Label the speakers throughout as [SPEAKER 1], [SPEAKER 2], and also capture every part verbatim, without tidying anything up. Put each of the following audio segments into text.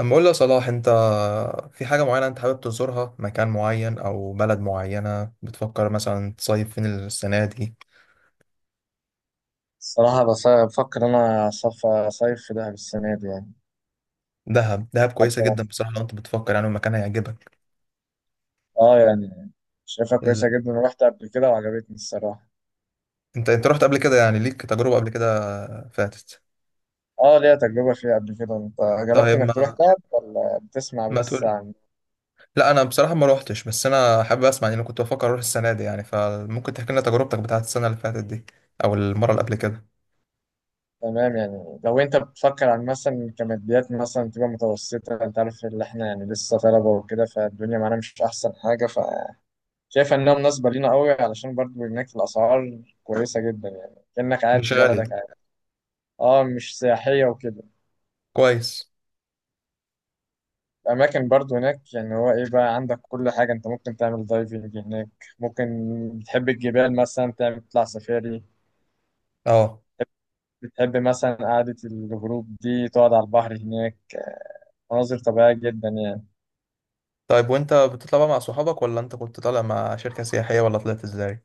[SPEAKER 1] اما اقول لك صلاح، انت في حاجة معينة انت حابب تزورها، مكان معين او بلد معينة؟ بتفكر مثلا تصيف فين السنة دي؟
[SPEAKER 2] الصراحة بس- بفكر أنا أصف- أصيف في دهب السنة دي يعني.
[SPEAKER 1] دهب دهب كويسة جدا
[SPEAKER 2] حتى
[SPEAKER 1] بصراحة. لو انت بتفكر يعني المكان هيعجبك.
[SPEAKER 2] آه يعني شايفها
[SPEAKER 1] ال...
[SPEAKER 2] كويسة جدا ورحت قبل كده وعجبتني الصراحة.
[SPEAKER 1] انت انت رحت قبل كده، يعني ليك تجربة قبل كده فاتت؟
[SPEAKER 2] آه ليا تجربة فيها قبل كده. أنت جربت
[SPEAKER 1] طيب،
[SPEAKER 2] إنك تروح
[SPEAKER 1] ما
[SPEAKER 2] دهب ولا بتسمع
[SPEAKER 1] ما
[SPEAKER 2] بس
[SPEAKER 1] تقول.
[SPEAKER 2] عن.
[SPEAKER 1] لا، انا بصراحة ما روحتش، بس انا حابب اسمع. يعني انا كنت بفكر اروح السنة دي، يعني فممكن تحكي لنا تجربتك بتاعت السنة اللي فاتت دي او المرة اللي قبل كده.
[SPEAKER 2] تمام، يعني لو أنت بتفكر عن مثلا كماديات، مثلا تبقى متوسطة، أنت عارف اللي إحنا يعني لسه طلبة وكده، فالدنيا معانا مش أحسن حاجة، فشايف إنها مناسبة لينا قوي، علشان برضو هناك الأسعار كويسة جدا، يعني كأنك قاعد
[SPEAKER 1] مش
[SPEAKER 2] في بلدك
[SPEAKER 1] غالي.
[SPEAKER 2] عادي. آه، مش سياحية وكده.
[SPEAKER 1] كويس.
[SPEAKER 2] الأماكن برضو هناك يعني هو إيه بقى، عندك كل حاجة، أنت ممكن تعمل دايفنج هناك، ممكن بتحب الجبال مثلا تعمل تطلع سفاري،
[SPEAKER 1] اه،
[SPEAKER 2] بتحب مثلا قعدة الغروب دي تقعد على البحر هناك، مناظر طبيعية جدا يعني.
[SPEAKER 1] طيب، وانت بتطلع بقى مع صحابك ولا انت كنت طالع مع شركة سياحية ولا طلعت ازاي؟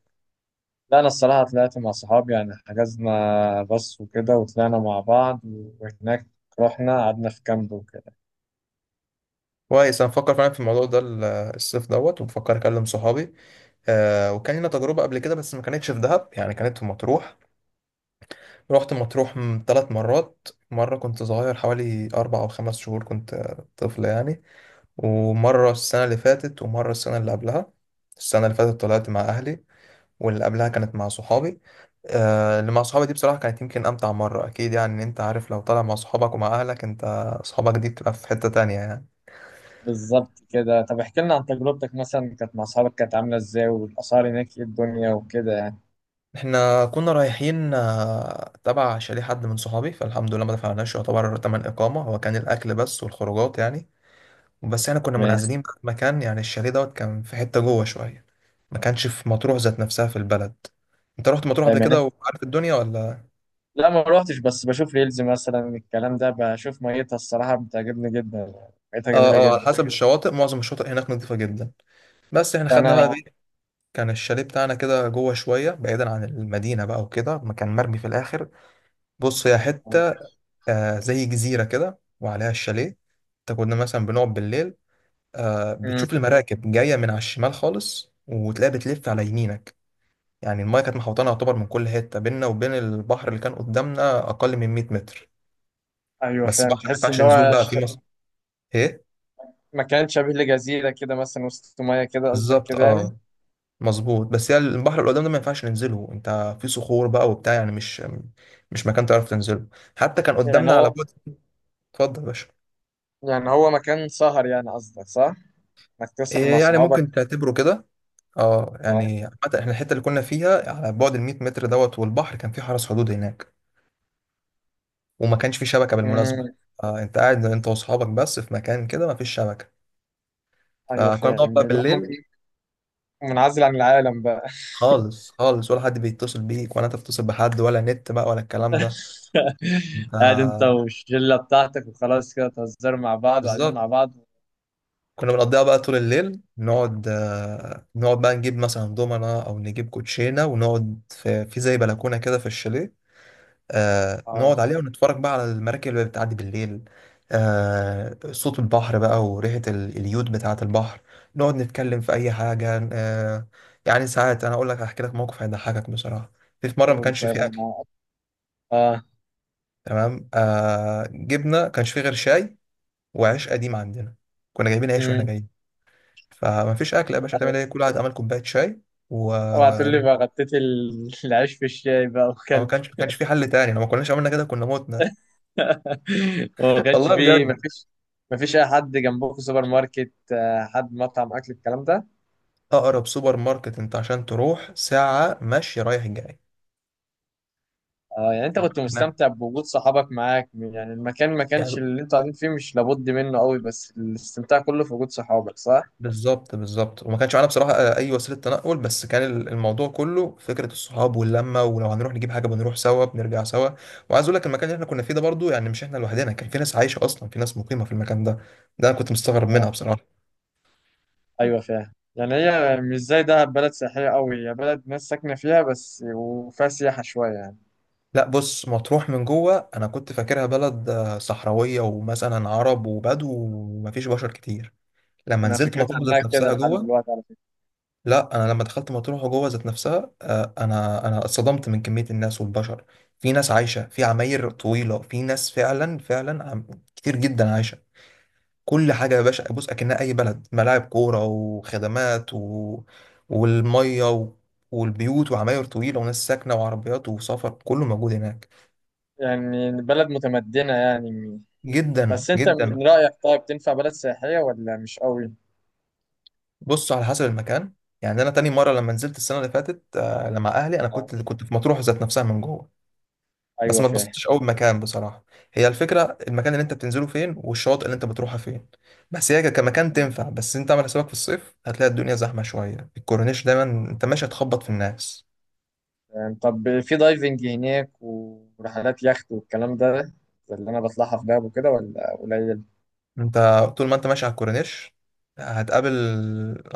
[SPEAKER 2] لا أنا الصراحة طلعت مع صحابي، يعني حجزنا باص وكده وطلعنا مع بعض، وهناك رحنا قعدنا في كامب وكده.
[SPEAKER 1] كويس. انا بفكر فعلا في الموضوع ده، ال- الصيف دوت، وبفكر اكلم صحابي. آه وكان لنا تجربة قبل كده بس ما كانتش في دهب، يعني كانت في مطروح. رحت مطروح ثلاث مرات. مرة كنت صغير، حوالي أربع أو خمس شهور، كنت آه، طفل يعني. ومرة السنة اللي فاتت ومرة السنة اللي قبلها. السنة اللي فاتت طلعت مع أهلي، واللي قبلها كانت مع صحابي. آه، اللي مع صحابي دي بصراحة كانت يمكن أمتع مرة أكيد. يعني، إن أنت عارف، لو طالع مع صحابك ومع أهلك، أنت صحابك دي بتبقى في حتة تانية يعني.
[SPEAKER 2] بالظبط كده. طب احكي لنا عن تجربتك، مثلا كانت مع صحابك كانت عاملة إزاي، والأسعار هناك إيه الدنيا وكده يعني.
[SPEAKER 1] إحنا كنا رايحين آه، تبع شاليه حد من صحابي، فالحمد لله ما دفعناش يعتبر تمن إقامة. هو كان الأكل بس والخروجات يعني. بس إحنا كنا
[SPEAKER 2] ما-
[SPEAKER 1] منعزلين بقى في مكان، يعني الشاليه دوت كان في حتة جوه شوية. ما كانش في مطروح ذات نفسها في البلد. انت رحت مطروح قبل
[SPEAKER 2] يعني
[SPEAKER 1] كده وعارف الدنيا ولا؟
[SPEAKER 2] لا ما روحتش، بس بشوف ريلز مثلا، الكلام ده بشوف ميتها الصراحة بتعجبني جدا، ميتها جميلة
[SPEAKER 1] اه، اه، على
[SPEAKER 2] جدا
[SPEAKER 1] حسب الشواطئ. معظم الشواطئ هناك نظيفة جدا. بس احنا خدنا بقى
[SPEAKER 2] فأنا.
[SPEAKER 1] إيه، كان الشاليه بتاعنا كده جوه شوية، بعيدا عن المدينة بقى، وكده ما كان مرمي في الآخر. بص، هي حتة آه زي جزيرة كده وعليها الشاليه. انت كنا مثلا بنقعد بالليل، آه
[SPEAKER 2] مم.
[SPEAKER 1] بتشوف المراكب جاية من على الشمال خالص وتلاقيها بتلف على يمينك. يعني المايه كانت محوطانة يعتبر من كل حتة. بيننا وبين البحر اللي كان قدامنا أقل من 100 متر.
[SPEAKER 2] أيوة
[SPEAKER 1] بس
[SPEAKER 2] فاهم،
[SPEAKER 1] بحر ما
[SPEAKER 2] تحس
[SPEAKER 1] ينفعش
[SPEAKER 2] إن
[SPEAKER 1] نزول
[SPEAKER 2] هو
[SPEAKER 1] بقى فيه،
[SPEAKER 2] ش-
[SPEAKER 1] مصر. ايه؟
[SPEAKER 2] مكان شبيه لجزيرة كده مثلا وسط مية كده، قصدك
[SPEAKER 1] بالظبط،
[SPEAKER 2] كده يعني.
[SPEAKER 1] اه. مظبوط. بس يعني البحر اللي قدام ده ما ينفعش ننزله، انت في صخور بقى وبتاع، يعني مش مش مكان تعرف تنزله. حتى كان
[SPEAKER 2] يعني
[SPEAKER 1] قدامنا على
[SPEAKER 2] هو
[SPEAKER 1] بعد. اتفضل يا باشا.
[SPEAKER 2] يعني هو مكان سهر، يعني قصدك صح؟ إنك تسهر مع
[SPEAKER 1] إيه يعني،
[SPEAKER 2] صحابك.
[SPEAKER 1] ممكن تعتبره كده. اه،
[SPEAKER 2] اه.
[SPEAKER 1] يعني حتى احنا الحته اللي كنا فيها على بعد ال 100 متر دوت، والبحر كان في حرس حدود هناك، وما كانش في شبكه بالمناسبه.
[SPEAKER 2] مم.
[SPEAKER 1] آه انت قاعد انت واصحابك بس في مكان كده، ما فيش شبكه.
[SPEAKER 2] أيوة
[SPEAKER 1] فكنا بنقعد
[SPEAKER 2] فاهم.
[SPEAKER 1] بقى
[SPEAKER 2] لا
[SPEAKER 1] بالليل.
[SPEAKER 2] من- منعزل عن العالم بقى.
[SPEAKER 1] خالص خالص، ولا حد بيتصل بيك ولا انت بتتصل بحد ولا نت بقى ولا الكلام ده. انت،
[SPEAKER 2] قاعد أنت والشلة بتاعتك وخلاص كده، تهزروا مع بعض وقاعدين
[SPEAKER 1] بالظبط.
[SPEAKER 2] مع بعض.
[SPEAKER 1] كنا بنقضيها بقى طول الليل. نقعد، آه، نقعد بقى نجيب مثلا دومنا او نجيب كوتشينه، ونقعد في, في زي بلكونه كده في الشاليه. آه
[SPEAKER 2] اه،
[SPEAKER 1] نقعد عليها ونتفرج بقى على المراكب اللي بتعدي بالليل. آه صوت البحر بقى وريحه ال- اليود بتاعه البحر. نقعد نتكلم في اي حاجه. آه يعني ساعات، انا اقول لك هحكي لك موقف هيضحكك بصراحه. في في مره ما كانش فيه
[SPEAKER 2] والطيران
[SPEAKER 1] اكل.
[SPEAKER 2] مع بعض.
[SPEAKER 1] تمام، آه جبنا كانش فيه غير شاي وعيش قديم عندنا. كنا جايبين عيش
[SPEAKER 2] اه،
[SPEAKER 1] واحنا جايين. فمفيش اكل يا باشا، هتعمل ايه؟ كل واحد عمل كوبايه شاي و
[SPEAKER 2] اوعى تقول لي
[SPEAKER 1] مم.
[SPEAKER 2] بقى غطيت ال- العيش في الشاي بقى
[SPEAKER 1] ما
[SPEAKER 2] وكلت.
[SPEAKER 1] كانش ما كانش في حل تاني. لو ما كناش عملنا كده كنا متنا.
[SPEAKER 2] وما كانش
[SPEAKER 1] والله
[SPEAKER 2] فيه، ما
[SPEAKER 1] بجد.
[SPEAKER 2] فيش، ما فيش اي حد جنبك في سوبر ماركت، آه، حد مطعم اكل الكلام ده.
[SPEAKER 1] اقرب سوبر ماركت انت عشان تروح ساعه ماشي رايح جاي.
[SPEAKER 2] اه، يعني انت كنت
[SPEAKER 1] إحنا-
[SPEAKER 2] مستمتع بوجود صحابك معاك، يعني المكان ما كانش
[SPEAKER 1] يعني
[SPEAKER 2] اللي انتوا قاعدين فيه مش لابد منه قوي، بس الاستمتاع كله في وجود صحابك، صح؟
[SPEAKER 1] بالظبط بالظبط. وما كانش معانا بصراحه اي وسيله تنقل، بس كان الموضوع كله فكره الصحاب واللمه. ولو هنروح نجيب حاجه بنروح سوا بنرجع سوا. وعايز اقول لك المكان اللي احنا كنا فيه ده برضو، يعني مش احنا لوحدنا، كان في ناس عايشه اصلا، في ناس مقيمه في المكان ده. ده انا كنت مستغرب منها
[SPEAKER 2] اه،
[SPEAKER 1] بصراحه.
[SPEAKER 2] ايوه فاهم. يعني هي مش زي دهب بلد سياحية قوي، هي بلد ناس ساكنة فيها بس، وفيها سياحة شوية يعني.
[SPEAKER 1] لا بص، مطروح من جوه انا كنت فاكرها بلد آه، صحراويه ومثلا عرب وبدو ومفيش بشر كتير. لما
[SPEAKER 2] انا
[SPEAKER 1] نزلت
[SPEAKER 2] فكرتي
[SPEAKER 1] مطروح
[SPEAKER 2] عنها
[SPEAKER 1] ذات
[SPEAKER 2] كده
[SPEAKER 1] نفسها
[SPEAKER 2] لحد
[SPEAKER 1] جوه.
[SPEAKER 2] دلوقتي على فكرة.
[SPEAKER 1] لا انا لما دخلت مطروح جوه ذات نفسها، آه، انا انا اتصدمت من كميه الناس والبشر. في ناس عايشه في عماير طويله، في ناس فعلا فعلا عم... كتير جدا عايشه. كل حاجه يا باشا، بص اكنها اي بلد. ملاعب كوره وخدمات و... والميه و... والبيوت وعماير طويله وناس ساكنه وعربيات وسفر، كله موجود هناك.
[SPEAKER 2] يعني بلد متمدنة يعني.
[SPEAKER 1] جدا
[SPEAKER 2] بس انت
[SPEAKER 1] جدا.
[SPEAKER 2] من رأيك طيب تنفع بلد سياحية ولا مش قوي؟
[SPEAKER 1] بص، على حسب المكان. يعني انا تاني مره لما نزلت السنه اللي فاتت، آه، لما اهلي، انا
[SPEAKER 2] آه.
[SPEAKER 1] كنت كنت في مطروح ذات نفسها من جوه. بس
[SPEAKER 2] ايوه
[SPEAKER 1] ما
[SPEAKER 2] فاهم.
[SPEAKER 1] اتبسطتش قوي بمكان بصراحه. هي الفكره المكان اللي انت بتنزله فين والشواطئ اللي انت بتروحها فين. بس هي كمكان تنفع، بس انت عامل حسابك، في الصيف هتلاقي الدنيا زحمه شويه، الكورنيش دايما انت ماشي هتخبط في الناس.
[SPEAKER 2] يعني طب في دايفنج هناك ورحلات يخت والكلام ده، زي اللي انا بطلعها في دهب وكده، ولا قليل؟
[SPEAKER 1] انت طول ما انت ماشي على الكورنيش هتقابل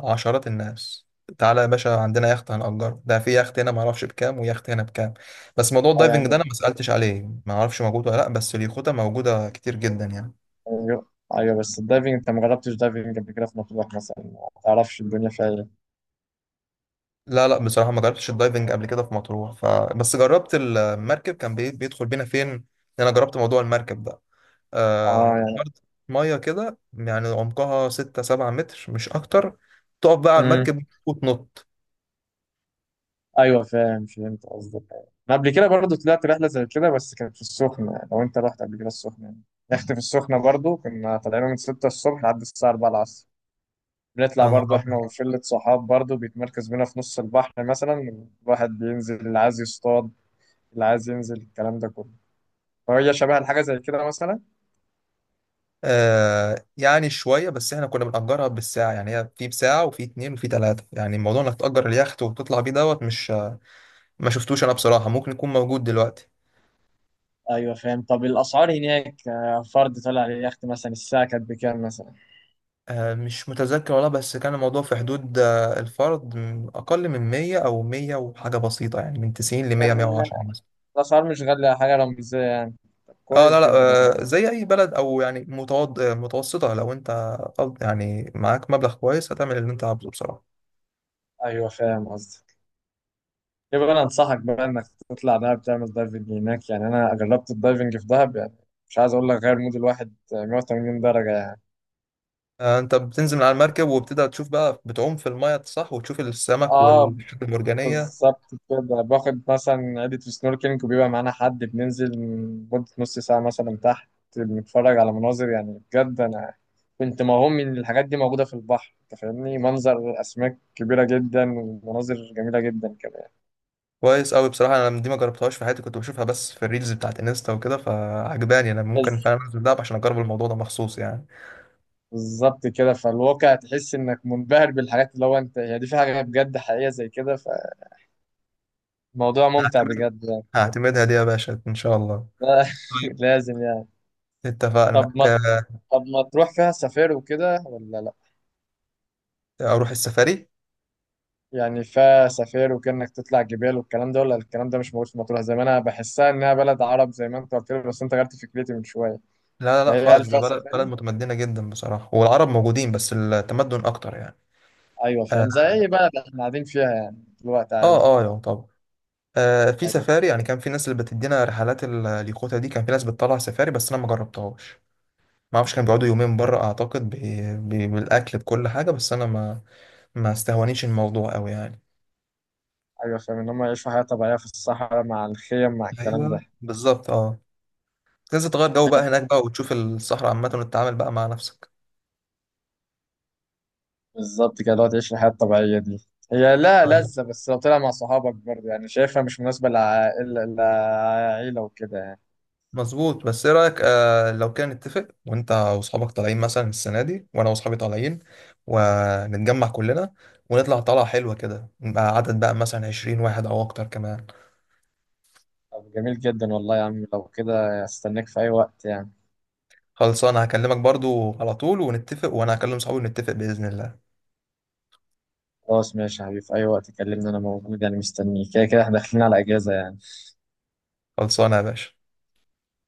[SPEAKER 1] عشرات الناس. تعالى يا باشا، عندنا يخت هنأجره ده، في يخت هنا معرفش بكام ويخت هنا بكام. بس موضوع
[SPEAKER 2] اه
[SPEAKER 1] الدايفنج ده
[SPEAKER 2] يعني،
[SPEAKER 1] انا ما سألتش عليه، معرفش موجود ولا لا، بس اليخوتة موجودة كتير جدا يعني.
[SPEAKER 2] ايوه ايوه، بس الدايفنج انت ما جربتش دايفنج قبل كده في مطروح مثلا، ما تعرفش الدنيا فيها ايه.
[SPEAKER 1] لا لا، بصراحة ما جربتش الدايفنج قبل كده في مطروح، ف... بس جربت المركب كان بي- بيدخل بينا فين. انا جربت موضوع المركب ده. آه...
[SPEAKER 2] اه يعني،
[SPEAKER 1] أرض مية كده، يعني عمقها ستة سبعة متر مش أكتر. تقف بقى على
[SPEAKER 2] امم،
[SPEAKER 1] المركب وتنط.
[SPEAKER 2] ايوه فاهم، فهمت قصدك. انا قبل كده برضه طلعت رحله زي كده، بس كانت في السخنه، يعني لو انت رحت قبل كده السخنه يعني. يخت في السخنه برضه، كنا طالعين من ستة الصبح لحد الساعه أربعة العصر،
[SPEAKER 1] يا
[SPEAKER 2] بنطلع
[SPEAKER 1] نهار
[SPEAKER 2] برضه احنا
[SPEAKER 1] أبيض.
[SPEAKER 2] وشلة صحاب، برضه بيتمركز بينا في نص البحر مثلا، الواحد بينزل اللي عايز يصطاد، اللي عايز ينزل الكلام ده كله. فهي شبه الحاجة زي كده مثلا.
[SPEAKER 1] آه يعني شوية، بس احنا كنا بنأجرها بالساعة. يعني هي في بساعة وفي اتنين وفي تلاتة. يعني موضوع انك تأجر اليخت وتطلع بيه دوت، مش ما شفتوش انا بصراحة، ممكن يكون موجود دلوقتي.
[SPEAKER 2] ايوه فاهم. طب الاسعار هناك آه، فرد طلع على اليخت مثلا الساعه كانت بكام مثلا.
[SPEAKER 1] آه مش متذكر والله، بس كان الموضوع في حدود آه الفرد، م- أقل من مية أو مية وحاجة بسيطة يعني، من تسعين لمية مية
[SPEAKER 2] يعني
[SPEAKER 1] وعشرة مثلا.
[SPEAKER 2] الأسعار مش غالية، حاجة رمزية يعني. طب
[SPEAKER 1] اه،
[SPEAKER 2] كويس
[SPEAKER 1] لا لا.
[SPEAKER 2] جدا
[SPEAKER 1] آه
[SPEAKER 2] والله.
[SPEAKER 1] زي أي بلد، أو يعني متوض... آه، متوسطة. لو أنت، قصد- يعني معاك مبلغ كويس، هتعمل اللي أنت عاوزه بصراحة.
[SPEAKER 2] ايوه فاهم قصدك. يبقى أنا أنصحك بقى إنك تطلع دهب تعمل دايفنج هناك، يعني أنا جربت الدايفنج في دهب، يعني مش عايز أقول لك، غير مود الواحد مية وتمانين درجة يعني.
[SPEAKER 1] آه، انت بتنزل من على المركب وبتبدأ تشوف بقى، بتعوم في المية صح، وتشوف السمك
[SPEAKER 2] اه
[SPEAKER 1] والحاجات المرجانية.
[SPEAKER 2] بالظبط كده، باخد مثلا عدة في سنوركلينج، وبيبقى معانا حد بننزل مدة نص ساعة مثلا تحت، بنتفرج على مناظر، يعني بجد أنا كنت موهوم من الحاجات دي موجودة في البحر، أنت فاهمني، منظر أسماك كبيرة جدا، ومناظر جميلة جدا كمان.
[SPEAKER 1] كويس قوي بصراحة. انا دي ما جربتهاش في حياتي، كنت بشوفها بس في الريلز بتاعت انستا وكده فعجباني. انا
[SPEAKER 2] بس
[SPEAKER 1] ممكن فعلا انزل دهب عشان اجرب الموضوع ده مخصوص يعني.
[SPEAKER 2] بالظبط كده، فالواقع تحس إنك منبهر بالحاجات اللي هو أنت هي دي، في حاجة بجد حقيقية زي كده، فالموضوع ممتع
[SPEAKER 1] هعتمد
[SPEAKER 2] بجد يعني.
[SPEAKER 1] هعتمدها دي يا باشا ان شاء الله. طيب،
[SPEAKER 2] لازم يعني.
[SPEAKER 1] اتفقنا،
[SPEAKER 2] طب ما
[SPEAKER 1] آه،
[SPEAKER 2] طب ما تروح فيها سفاري وكده ولا لأ؟
[SPEAKER 1] اروح السفاري.
[SPEAKER 2] يعني فيها سفاري، وكأنك تطلع جبال والكلام ده، ولا الكلام ده مش موجود في مطروح، زي ما انا بحسها انها بلد عرب زي ما انت قلت لي، بس انت غيرت فكرتي من شويه.
[SPEAKER 1] لا لا لا
[SPEAKER 2] فهي هل
[SPEAKER 1] خالص، ده
[SPEAKER 2] فيها
[SPEAKER 1] بلد بلد
[SPEAKER 2] سفاري؟
[SPEAKER 1] متمدنة جدا بصراحة. والعرب موجودين بس التمدن اكتر يعني.
[SPEAKER 2] ايوه
[SPEAKER 1] اه
[SPEAKER 2] فاهم، زي اي بلد احنا قاعدين فيها يعني دلوقتي
[SPEAKER 1] اه،
[SPEAKER 2] عادي.
[SPEAKER 1] آه، طبعا. آه في
[SPEAKER 2] ايوه،
[SPEAKER 1] سفاري، يعني كان في ناس اللي بتدينا رحلات ال- اليخوتة دي، كان في ناس بتطلع سفاري بس انا ما جربتهاش. ما اعرفش، كانوا بيقعدوا يومين بره اعتقد، ب... ب... بالاكل بكل حاجه. بس انا ما ما استهونيش الموضوع قوي يعني.
[SPEAKER 2] ايوه فاهم ان هم يعيشوا حياه طبيعيه في الصحراء مع الخيم مع الكلام ده.
[SPEAKER 1] ايوه بالظبط اه. لازم تغير جو بقى هناك بقى وتشوف الصحراء عامه وتتعامل بقى مع نفسك.
[SPEAKER 2] بالظبط كده، دلوقتي تعيش الحياه الطبيعيه دي. هي لا
[SPEAKER 1] أيوة.
[SPEAKER 2] لذة، بس لو طلع مع صحابك برضه، يعني شايفها مش مناسبة لعائلة، لعائلة وكده يعني.
[SPEAKER 1] مظبوط. بس ايه رايك، آه لو كان نتفق، وانت واصحابك طالعين مثلا السنه دي، وانا واصحابي طالعين، ونتجمع كلنا ونطلع طلعه حلوه كده، نبقى عدد بقى مثلا 20 واحد او اكتر كمان.
[SPEAKER 2] طب جميل جدا والله يا عم، لو كده استناك في أي وقت يعني.
[SPEAKER 1] خلصانة، هكلمك برضو على طول ونتفق، وانا هكلم صحابي ونتفق بإذن الله.
[SPEAKER 2] خلاص ماشي يا حبيبي، في أي وقت كلمني أنا موجود، يعني مستنيك كده كده، إحنا داخلين على إجازة يعني.
[SPEAKER 1] خلصانة يا باشا.